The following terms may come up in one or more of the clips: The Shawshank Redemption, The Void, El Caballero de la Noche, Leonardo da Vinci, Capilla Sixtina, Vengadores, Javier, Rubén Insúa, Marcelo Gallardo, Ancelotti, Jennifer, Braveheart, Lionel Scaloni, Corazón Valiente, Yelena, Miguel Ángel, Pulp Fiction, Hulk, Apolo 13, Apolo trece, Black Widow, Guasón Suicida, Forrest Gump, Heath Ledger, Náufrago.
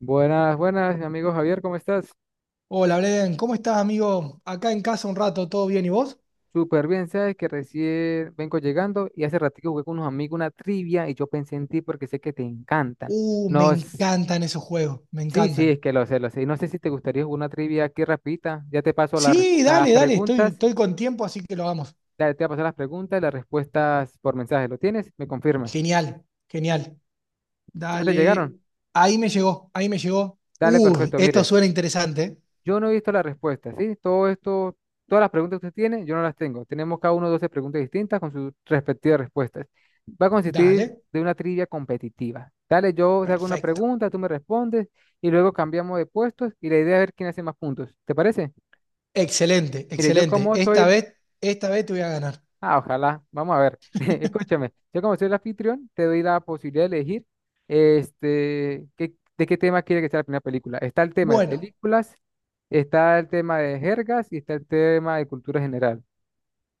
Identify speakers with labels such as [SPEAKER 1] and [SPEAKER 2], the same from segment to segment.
[SPEAKER 1] Buenas, buenas, mi amigo Javier, ¿cómo estás?
[SPEAKER 2] Hola, Blen, ¿cómo estás, amigo? Acá en casa un rato, ¿todo bien? ¿Y vos?
[SPEAKER 1] Súper bien, sabes que recién vengo llegando y hace ratito jugué con unos amigos una trivia y yo pensé en ti porque sé que te encantan.
[SPEAKER 2] Me
[SPEAKER 1] No,
[SPEAKER 2] encantan esos juegos, me
[SPEAKER 1] sí, sí,
[SPEAKER 2] encantan.
[SPEAKER 1] es que lo sé, lo sé. Y no sé si te gustaría jugar una trivia aquí rapidita. Ya te paso
[SPEAKER 2] Sí,
[SPEAKER 1] las
[SPEAKER 2] dale, dale, estoy,
[SPEAKER 1] preguntas,
[SPEAKER 2] estoy con tiempo, así que lo hagamos.
[SPEAKER 1] ya te voy a pasar las preguntas y las respuestas por mensaje. ¿Lo tienes? ¿Me confirmas?
[SPEAKER 2] Genial, genial.
[SPEAKER 1] ¿Ya te llegaron?
[SPEAKER 2] Dale. Ahí me llegó, ahí me llegó.
[SPEAKER 1] Dale, perfecto,
[SPEAKER 2] Esto
[SPEAKER 1] mire.
[SPEAKER 2] suena interesante.
[SPEAKER 1] Yo no he visto la respuesta, ¿sí? Todo esto, todas las preguntas que usted tiene, yo no las tengo. Tenemos cada uno 12 preguntas distintas con sus respectivas respuestas. Va a consistir
[SPEAKER 2] Dale,
[SPEAKER 1] de una trivia competitiva. Dale, yo te hago una
[SPEAKER 2] perfecto.
[SPEAKER 1] pregunta, tú me respondes y luego cambiamos de puestos y la idea es ver quién hace más puntos. ¿Te parece?
[SPEAKER 2] Excelente,
[SPEAKER 1] Mire, yo
[SPEAKER 2] excelente.
[SPEAKER 1] como soy.
[SPEAKER 2] Esta vez te voy a ganar.
[SPEAKER 1] Ah, ojalá. Vamos a ver. Escúchame, yo como soy el anfitrión, te doy la posibilidad de elegir este, de qué tema quiere que sea la primera película. Está el tema de
[SPEAKER 2] Bueno,
[SPEAKER 1] películas, está el tema de jergas y está el tema de cultura general.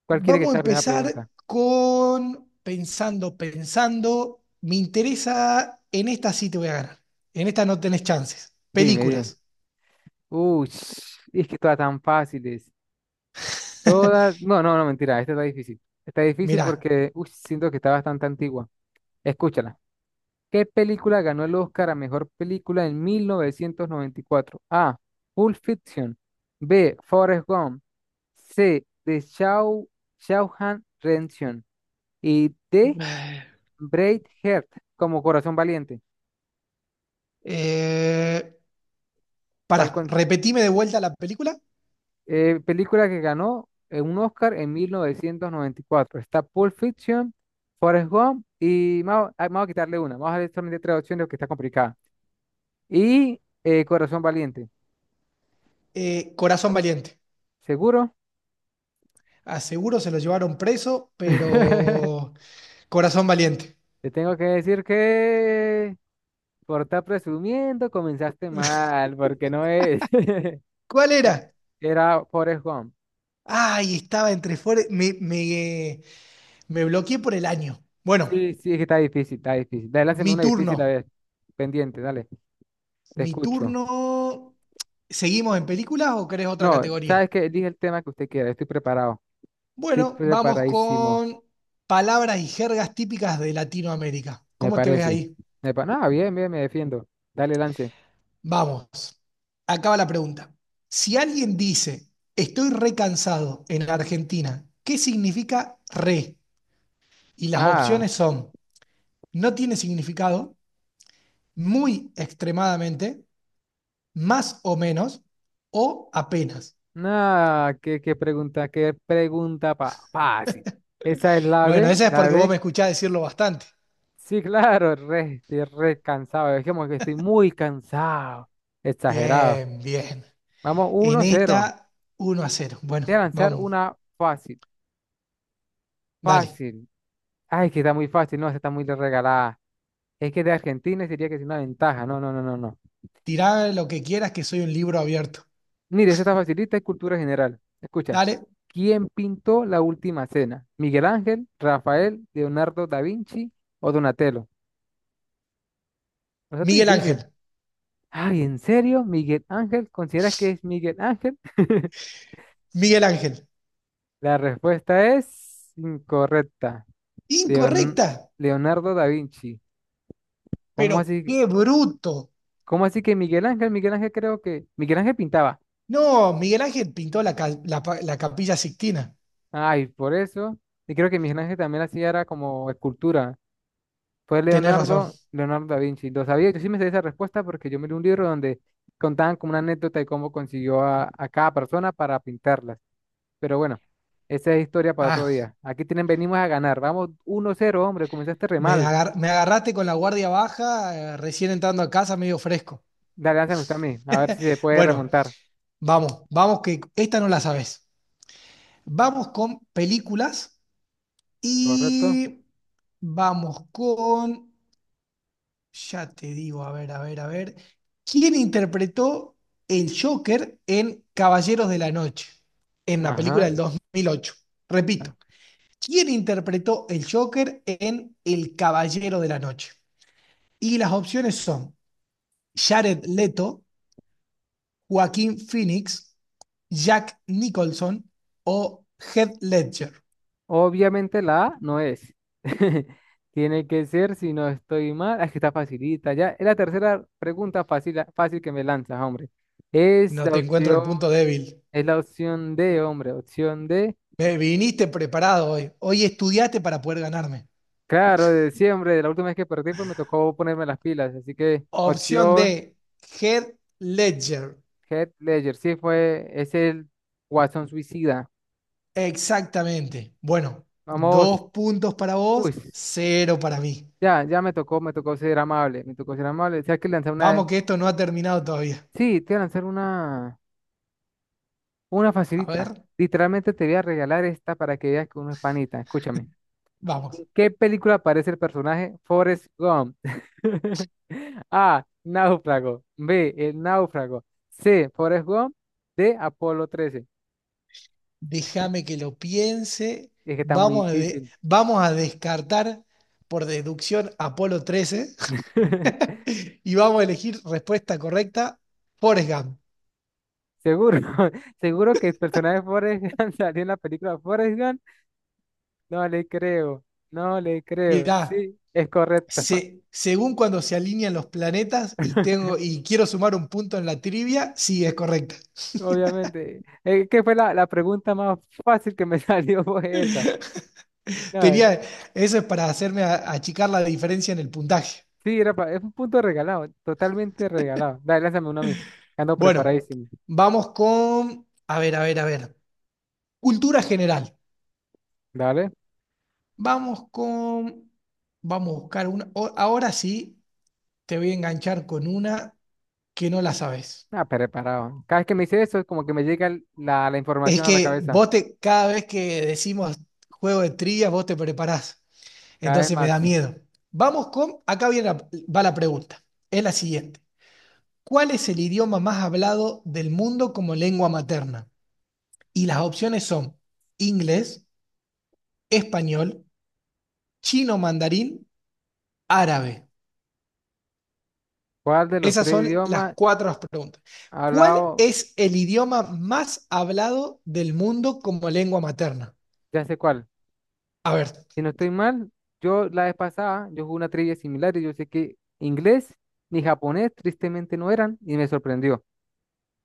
[SPEAKER 1] ¿Cuál quiere que
[SPEAKER 2] vamos a
[SPEAKER 1] sea la primera
[SPEAKER 2] empezar
[SPEAKER 1] pregunta?
[SPEAKER 2] con pensando. Me interesa, en esta sí te voy a ganar. En esta no tenés chances.
[SPEAKER 1] Dime, dime.
[SPEAKER 2] Películas.
[SPEAKER 1] Uy, es que todas tan fáciles. Todas. No, no, no, mentira. Esta está difícil. Está difícil
[SPEAKER 2] Mirá.
[SPEAKER 1] porque uy, siento que está bastante antigua. Escúchala. ¿Qué película ganó el Oscar a mejor película en 1994? A. Pulp Fiction. B. Forrest Gump. C. The Shawshank Redemption. Y D. Braveheart, como Corazón Valiente.
[SPEAKER 2] Eh, pará,
[SPEAKER 1] ¿Cuál con-
[SPEAKER 2] repetime de vuelta la película.
[SPEAKER 1] película que ganó un Oscar en 1994? Está Pulp Fiction, Forrest Gump y vamos a quitarle una. Vamos a ver solamente tres opciones que está complicada. Y Corazón Valiente.
[SPEAKER 2] Corazón Valiente.
[SPEAKER 1] ¿Seguro?
[SPEAKER 2] A seguro se lo llevaron preso, pero Corazón Valiente.
[SPEAKER 1] Te tengo que decir que por estar presumiendo comenzaste mal, porque no es.
[SPEAKER 2] ¿Cuál
[SPEAKER 1] Ah,
[SPEAKER 2] era?
[SPEAKER 1] era Forrest Gump.
[SPEAKER 2] Ay, estaba entre fuera. Me bloqueé por el año. Bueno,
[SPEAKER 1] Sí, sí, es que está difícil, está difícil. Dale, lánzame
[SPEAKER 2] mi
[SPEAKER 1] una
[SPEAKER 2] turno.
[SPEAKER 1] difícil a ver. Pendiente, dale, te
[SPEAKER 2] Mi
[SPEAKER 1] escucho.
[SPEAKER 2] turno. ¿Seguimos en películas o querés otra
[SPEAKER 1] No,
[SPEAKER 2] categoría?
[SPEAKER 1] sabes que elige el tema que usted quiera, estoy preparado. Estoy
[SPEAKER 2] Bueno, vamos
[SPEAKER 1] preparadísimo,
[SPEAKER 2] con palabras y jergas típicas de Latinoamérica.
[SPEAKER 1] me
[SPEAKER 2] ¿Cómo te ves
[SPEAKER 1] parece.
[SPEAKER 2] ahí?
[SPEAKER 1] No, bien, bien, me defiendo. Dale, lance.
[SPEAKER 2] Vamos. Acaba la pregunta. Si alguien dice, estoy recansado en Argentina, ¿qué significa re? Y las opciones
[SPEAKER 1] Ah,
[SPEAKER 2] son, no tiene significado, muy extremadamente, más o menos, o apenas.
[SPEAKER 1] no, qué, qué pregunta fácil. Esa es
[SPEAKER 2] Bueno, esa es
[SPEAKER 1] La
[SPEAKER 2] porque vos me
[SPEAKER 1] B.
[SPEAKER 2] escuchás decirlo bastante.
[SPEAKER 1] Sí, claro, estoy re cansado. Es como que estoy muy cansado. Exagerado.
[SPEAKER 2] Bien, bien.
[SPEAKER 1] Vamos,
[SPEAKER 2] En
[SPEAKER 1] 1-0.
[SPEAKER 2] esta, 1-0. Bueno,
[SPEAKER 1] Voy a lanzar
[SPEAKER 2] vamos,
[SPEAKER 1] una fácil.
[SPEAKER 2] dale.
[SPEAKER 1] Fácil. Ay, que está muy fácil. No, esta está muy regalada. Es que de Argentina sería que es una ventaja. No, no, no, no, no.
[SPEAKER 2] Tirá lo que quieras, que soy un libro abierto.
[SPEAKER 1] Mire, esta está facilita, es cultura general. Escucha.
[SPEAKER 2] Dale,
[SPEAKER 1] ¿Quién pintó la última cena? ¿Miguel Ángel, Rafael, Leonardo da Vinci o Donatello? Eso está
[SPEAKER 2] Miguel
[SPEAKER 1] difícil.
[SPEAKER 2] Ángel.
[SPEAKER 1] Ay, ¿en serio? ¿Miguel Ángel? ¿Consideras que es Miguel Ángel?
[SPEAKER 2] Miguel Ángel.
[SPEAKER 1] La respuesta es incorrecta. Leon-
[SPEAKER 2] Incorrecta,
[SPEAKER 1] Leonardo da Vinci. ¿Cómo
[SPEAKER 2] pero
[SPEAKER 1] así,
[SPEAKER 2] qué bruto.
[SPEAKER 1] cómo así que Miguel Ángel? Miguel Ángel creo que, Miguel Ángel pintaba.
[SPEAKER 2] No, Miguel Ángel pintó la, ca- la pa- la Capilla Sixtina.
[SPEAKER 1] Ay, por eso. Y creo que Miguel Ángel también hacía era como escultura. Fue
[SPEAKER 2] Tenés razón.
[SPEAKER 1] Leonardo da Vinci. Lo sabía, yo sí me sé esa respuesta porque yo me leí un libro donde contaban como una anécdota de cómo consiguió a cada persona para pintarlas. Pero bueno, esa es historia para otro
[SPEAKER 2] Ah,
[SPEAKER 1] día. Aquí tienen, venimos a ganar. Vamos 1-0, hombre, comenzaste re mal.
[SPEAKER 2] me agarraste con la guardia baja, recién entrando a casa, medio fresco.
[SPEAKER 1] Dale, lánzame usted a mí, a ver si se puede
[SPEAKER 2] Bueno,
[SPEAKER 1] remontar.
[SPEAKER 2] vamos, vamos, que esta no la sabes. Vamos con películas
[SPEAKER 1] ¿Correcto?
[SPEAKER 2] y vamos con. Ya te digo, a ver, a ver, a ver. ¿Quién interpretó el Joker en Caballeros de la Noche? En la película
[SPEAKER 1] Ajá.
[SPEAKER 2] del 2008. Repito, ¿quién interpretó el Joker en El Caballero de la Noche? Y las opciones son Jared Leto, Joaquín Phoenix, Jack Nicholson o Heath Ledger.
[SPEAKER 1] Obviamente la A no es. Tiene que ser, si no estoy mal, ah, es que está facilita ya. Es la tercera pregunta fácil, fácil que me lanzas, hombre. Es
[SPEAKER 2] No
[SPEAKER 1] la
[SPEAKER 2] te encuentro el
[SPEAKER 1] opción,
[SPEAKER 2] punto débil.
[SPEAKER 1] es la opción D, hombre, opción D.
[SPEAKER 2] Me viniste preparado hoy. Hoy estudiaste para poder ganarme.
[SPEAKER 1] Claro, de diciembre, la última vez que perdí, pues me tocó ponerme las pilas. Así que
[SPEAKER 2] Opción
[SPEAKER 1] opción
[SPEAKER 2] D, Head Ledger.
[SPEAKER 1] Head Ledger, sí fue, es el Guasón Suicida.
[SPEAKER 2] Exactamente. Bueno,
[SPEAKER 1] Vamos,
[SPEAKER 2] dos puntos para
[SPEAKER 1] uy.
[SPEAKER 2] vos, cero para mí.
[SPEAKER 1] Ya, ya me tocó ser amable, me tocó ser amable. O sea que lanzar una.
[SPEAKER 2] Vamos que esto no ha terminado todavía.
[SPEAKER 1] Sí, te voy a lanzar una
[SPEAKER 2] A ver,
[SPEAKER 1] facilita. Literalmente te voy a regalar esta para que veas que uno es panita. Escúchame.
[SPEAKER 2] vamos.
[SPEAKER 1] ¿En qué película aparece el personaje Forrest Gump? A. Náufrago. B. El náufrago. C. Forrest Gump. D. Apolo 13.
[SPEAKER 2] Déjame que lo piense.
[SPEAKER 1] Es que está muy
[SPEAKER 2] Vamos a,
[SPEAKER 1] difícil.
[SPEAKER 2] vamos a descartar por deducción Apolo 13 y vamos a elegir respuesta correcta, Forrest Gump.
[SPEAKER 1] Seguro, seguro que el personaje de Forrest Gump salió en la película Forrest Gump. No le creo, no le creo.
[SPEAKER 2] Mirá,
[SPEAKER 1] Sí, es correcto,
[SPEAKER 2] Según cuando se alinean los planetas y tengo y quiero sumar un punto en la trivia, sí, es correcta.
[SPEAKER 1] obviamente. Es que fue la pregunta más fácil que me salió fue esa. No,
[SPEAKER 2] Tenía, eso es para achicar la diferencia en el puntaje.
[SPEAKER 1] sí, es un punto regalado, totalmente regalado. Dale, lánzame uno a mí. Ando
[SPEAKER 2] Bueno,
[SPEAKER 1] preparadísimo.
[SPEAKER 2] vamos con, a ver, a ver, a ver, cultura general.
[SPEAKER 1] Dale.
[SPEAKER 2] Vamos con, vamos a buscar una. Ahora sí, te voy a enganchar con una que no la sabes.
[SPEAKER 1] Ah, preparado. Cada vez que me dice eso, es como que me llega la
[SPEAKER 2] Es
[SPEAKER 1] información a la
[SPEAKER 2] que
[SPEAKER 1] cabeza.
[SPEAKER 2] cada vez que decimos juego de trivia, vos te preparás.
[SPEAKER 1] Cada vez
[SPEAKER 2] Entonces me
[SPEAKER 1] más.
[SPEAKER 2] da miedo. Vamos con, acá viene va la pregunta. Es la siguiente. ¿Cuál es el idioma más hablado del mundo como lengua materna? Y las opciones son inglés, español, chino mandarín, árabe.
[SPEAKER 1] ¿Cuál de los
[SPEAKER 2] Esas
[SPEAKER 1] tres
[SPEAKER 2] son las
[SPEAKER 1] idiomas
[SPEAKER 2] cuatro preguntas.
[SPEAKER 1] ha
[SPEAKER 2] ¿Cuál
[SPEAKER 1] hablado?
[SPEAKER 2] es el idioma más hablado del mundo como lengua materna?
[SPEAKER 1] Ya sé cuál.
[SPEAKER 2] A ver,
[SPEAKER 1] Si no estoy mal, yo la vez pasada, yo jugué una trivia similar y yo sé que inglés ni japonés tristemente no eran y me sorprendió,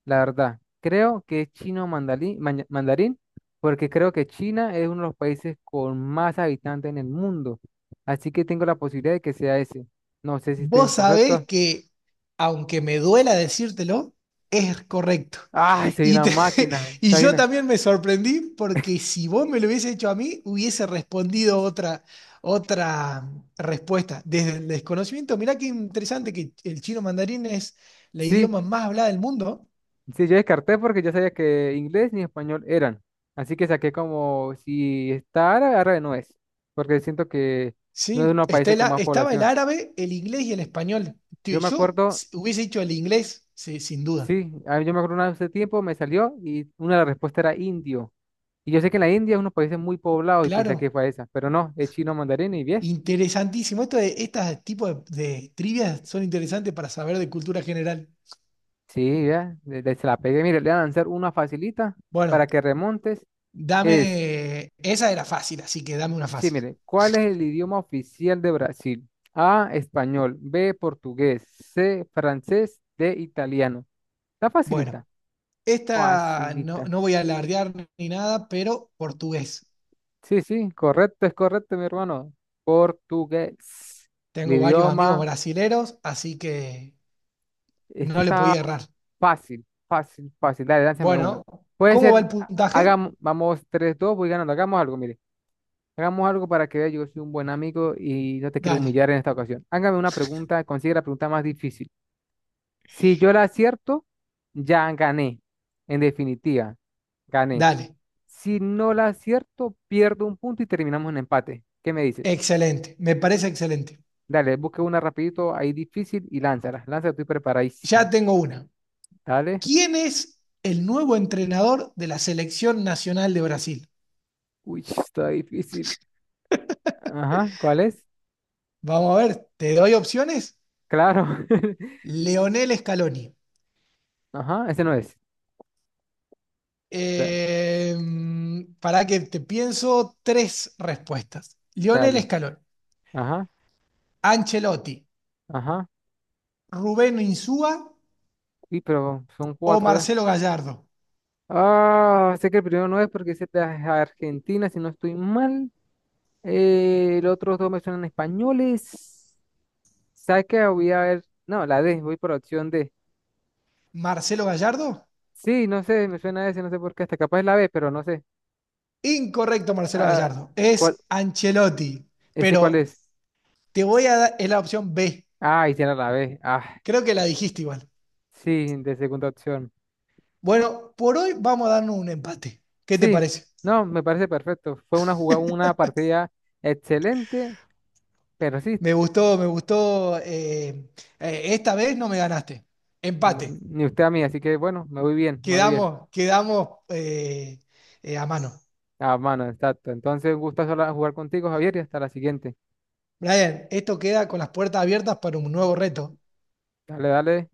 [SPEAKER 1] la verdad. Creo que es chino mandarín, porque creo que China es uno de los países con más habitantes en el mundo. Así que tengo la posibilidad de que sea ese. No sé si estoy
[SPEAKER 2] vos sabés
[SPEAKER 1] incorrecto.
[SPEAKER 2] que, aunque me duela decírtelo, es correcto.
[SPEAKER 1] ¡Ay, soy
[SPEAKER 2] Y,
[SPEAKER 1] una
[SPEAKER 2] te-
[SPEAKER 1] máquina!
[SPEAKER 2] y yo
[SPEAKER 1] Sabina.
[SPEAKER 2] también me sorprendí porque si vos me lo hubiese hecho a mí, hubiese respondido otra respuesta. Desde el desconocimiento, mirá qué interesante que el chino mandarín es la
[SPEAKER 1] Sí.
[SPEAKER 2] idioma más hablada del mundo.
[SPEAKER 1] Sí, yo descarté porque yo sabía que inglés ni español eran. Así que saqué como si está árabe, árabe no es. Porque siento que no es de
[SPEAKER 2] Sí,
[SPEAKER 1] unos países con más
[SPEAKER 2] estaba el
[SPEAKER 1] población.
[SPEAKER 2] árabe, el inglés y el español.
[SPEAKER 1] Yo me acuerdo,
[SPEAKER 2] Hubiese dicho el inglés, sí, sin duda.
[SPEAKER 1] sí, a mí yo me acuerdo una vez hace tiempo, me salió y una de las respuestas era indio. Y yo sé que en la India es unos países muy poblados y pensé que
[SPEAKER 2] Claro.
[SPEAKER 1] fue esa. Pero no, es chino mandarín y bien.
[SPEAKER 2] Interesantísimo. Estas tipos de trivias son interesantes para saber de cultura general.
[SPEAKER 1] Sí, ya, se la pegué. Mire, le voy a lanzar una facilita
[SPEAKER 2] Bueno,
[SPEAKER 1] para que remontes. Es
[SPEAKER 2] dame. Esa era fácil, así que dame una
[SPEAKER 1] Sí,
[SPEAKER 2] fácil.
[SPEAKER 1] mire, ¿cuál es el idioma oficial de Brasil? A, español, B, portugués, C, francés, D, italiano. Está facilita.
[SPEAKER 2] Bueno, esta no,
[SPEAKER 1] Facilita.
[SPEAKER 2] no voy a alardear ni nada, pero portugués.
[SPEAKER 1] Sí, sí, correcto, es correcto, mi hermano. Portugués. El
[SPEAKER 2] Tengo varios amigos
[SPEAKER 1] idioma,
[SPEAKER 2] brasileros, así que
[SPEAKER 1] es que
[SPEAKER 2] no le
[SPEAKER 1] está
[SPEAKER 2] podía errar.
[SPEAKER 1] fácil, fácil, fácil. Dale, lánzame una.
[SPEAKER 2] Bueno,
[SPEAKER 1] Puede
[SPEAKER 2] ¿cómo va
[SPEAKER 1] ser,
[SPEAKER 2] el puntaje?
[SPEAKER 1] hagamos, vamos 3-2, voy ganando. Hagamos algo, mire. Hagamos algo para que vea, yo soy un buen amigo y no te quiero
[SPEAKER 2] Dale,
[SPEAKER 1] humillar en esta ocasión. Hágame una pregunta, consigue la pregunta más difícil. Si yo la acierto, ya gané. En definitiva, gané.
[SPEAKER 2] dale.
[SPEAKER 1] Si no la acierto, pierdo un punto y terminamos en empate. ¿Qué me dices?
[SPEAKER 2] Excelente, me parece excelente.
[SPEAKER 1] Dale, busca una rapidito ahí difícil y lánzala. Lánzala, estoy preparadísimo.
[SPEAKER 2] Ya tengo una.
[SPEAKER 1] Dale.
[SPEAKER 2] ¿Quién es el nuevo entrenador de la Selección Nacional de Brasil?
[SPEAKER 1] Uy, está difícil. Ajá, ¿cuál es?
[SPEAKER 2] Vamos a ver, te doy opciones.
[SPEAKER 1] Claro.
[SPEAKER 2] Leonel Scaloni.
[SPEAKER 1] Ajá, ese no es. Da-
[SPEAKER 2] Eh, para que te pienso tres respuestas. Lionel
[SPEAKER 1] dale.
[SPEAKER 2] Scaloni,
[SPEAKER 1] Ajá,
[SPEAKER 2] Ancelotti,
[SPEAKER 1] ajá.
[SPEAKER 2] Rubén Insúa
[SPEAKER 1] Uy, pero son
[SPEAKER 2] o
[SPEAKER 1] cuatro ya.
[SPEAKER 2] Marcelo Gallardo.
[SPEAKER 1] Ah, sé que el primero no es porque es de Argentina, si no estoy mal. Los otros dos me suenan españoles. ¿Sabes qué? Voy a ver. No, la D, voy por la opción D.
[SPEAKER 2] ¿Marcelo Gallardo?
[SPEAKER 1] Sí, no sé, me suena a ese, no sé por qué. Hasta capaz es la B, pero no sé.
[SPEAKER 2] Incorrecto, Marcelo
[SPEAKER 1] Ah,
[SPEAKER 2] Gallardo.
[SPEAKER 1] ¿cuál?
[SPEAKER 2] Es Ancelotti.
[SPEAKER 1] ¿Ese cuál
[SPEAKER 2] Pero
[SPEAKER 1] es?
[SPEAKER 2] te voy a dar es la opción B.
[SPEAKER 1] Ah, hicieron la B. Ah,
[SPEAKER 2] Creo que la dijiste igual.
[SPEAKER 1] sí, de segunda opción.
[SPEAKER 2] Bueno, por hoy vamos a darnos un empate. ¿Qué te
[SPEAKER 1] Sí,
[SPEAKER 2] parece?
[SPEAKER 1] no, me parece perfecto. Fue una jugada, una partida excelente, pero sí,
[SPEAKER 2] Me gustó, me gustó. Esta vez no me ganaste. Empate.
[SPEAKER 1] ni usted a mí, así que bueno, me voy bien, me voy bien.
[SPEAKER 2] Quedamos a mano.
[SPEAKER 1] Ah, mano, exacto. Entonces, un gusto jugar contigo, Javier, y hasta la siguiente.
[SPEAKER 2] Brian, esto queda con las puertas abiertas para un nuevo reto.
[SPEAKER 1] Dale, dale.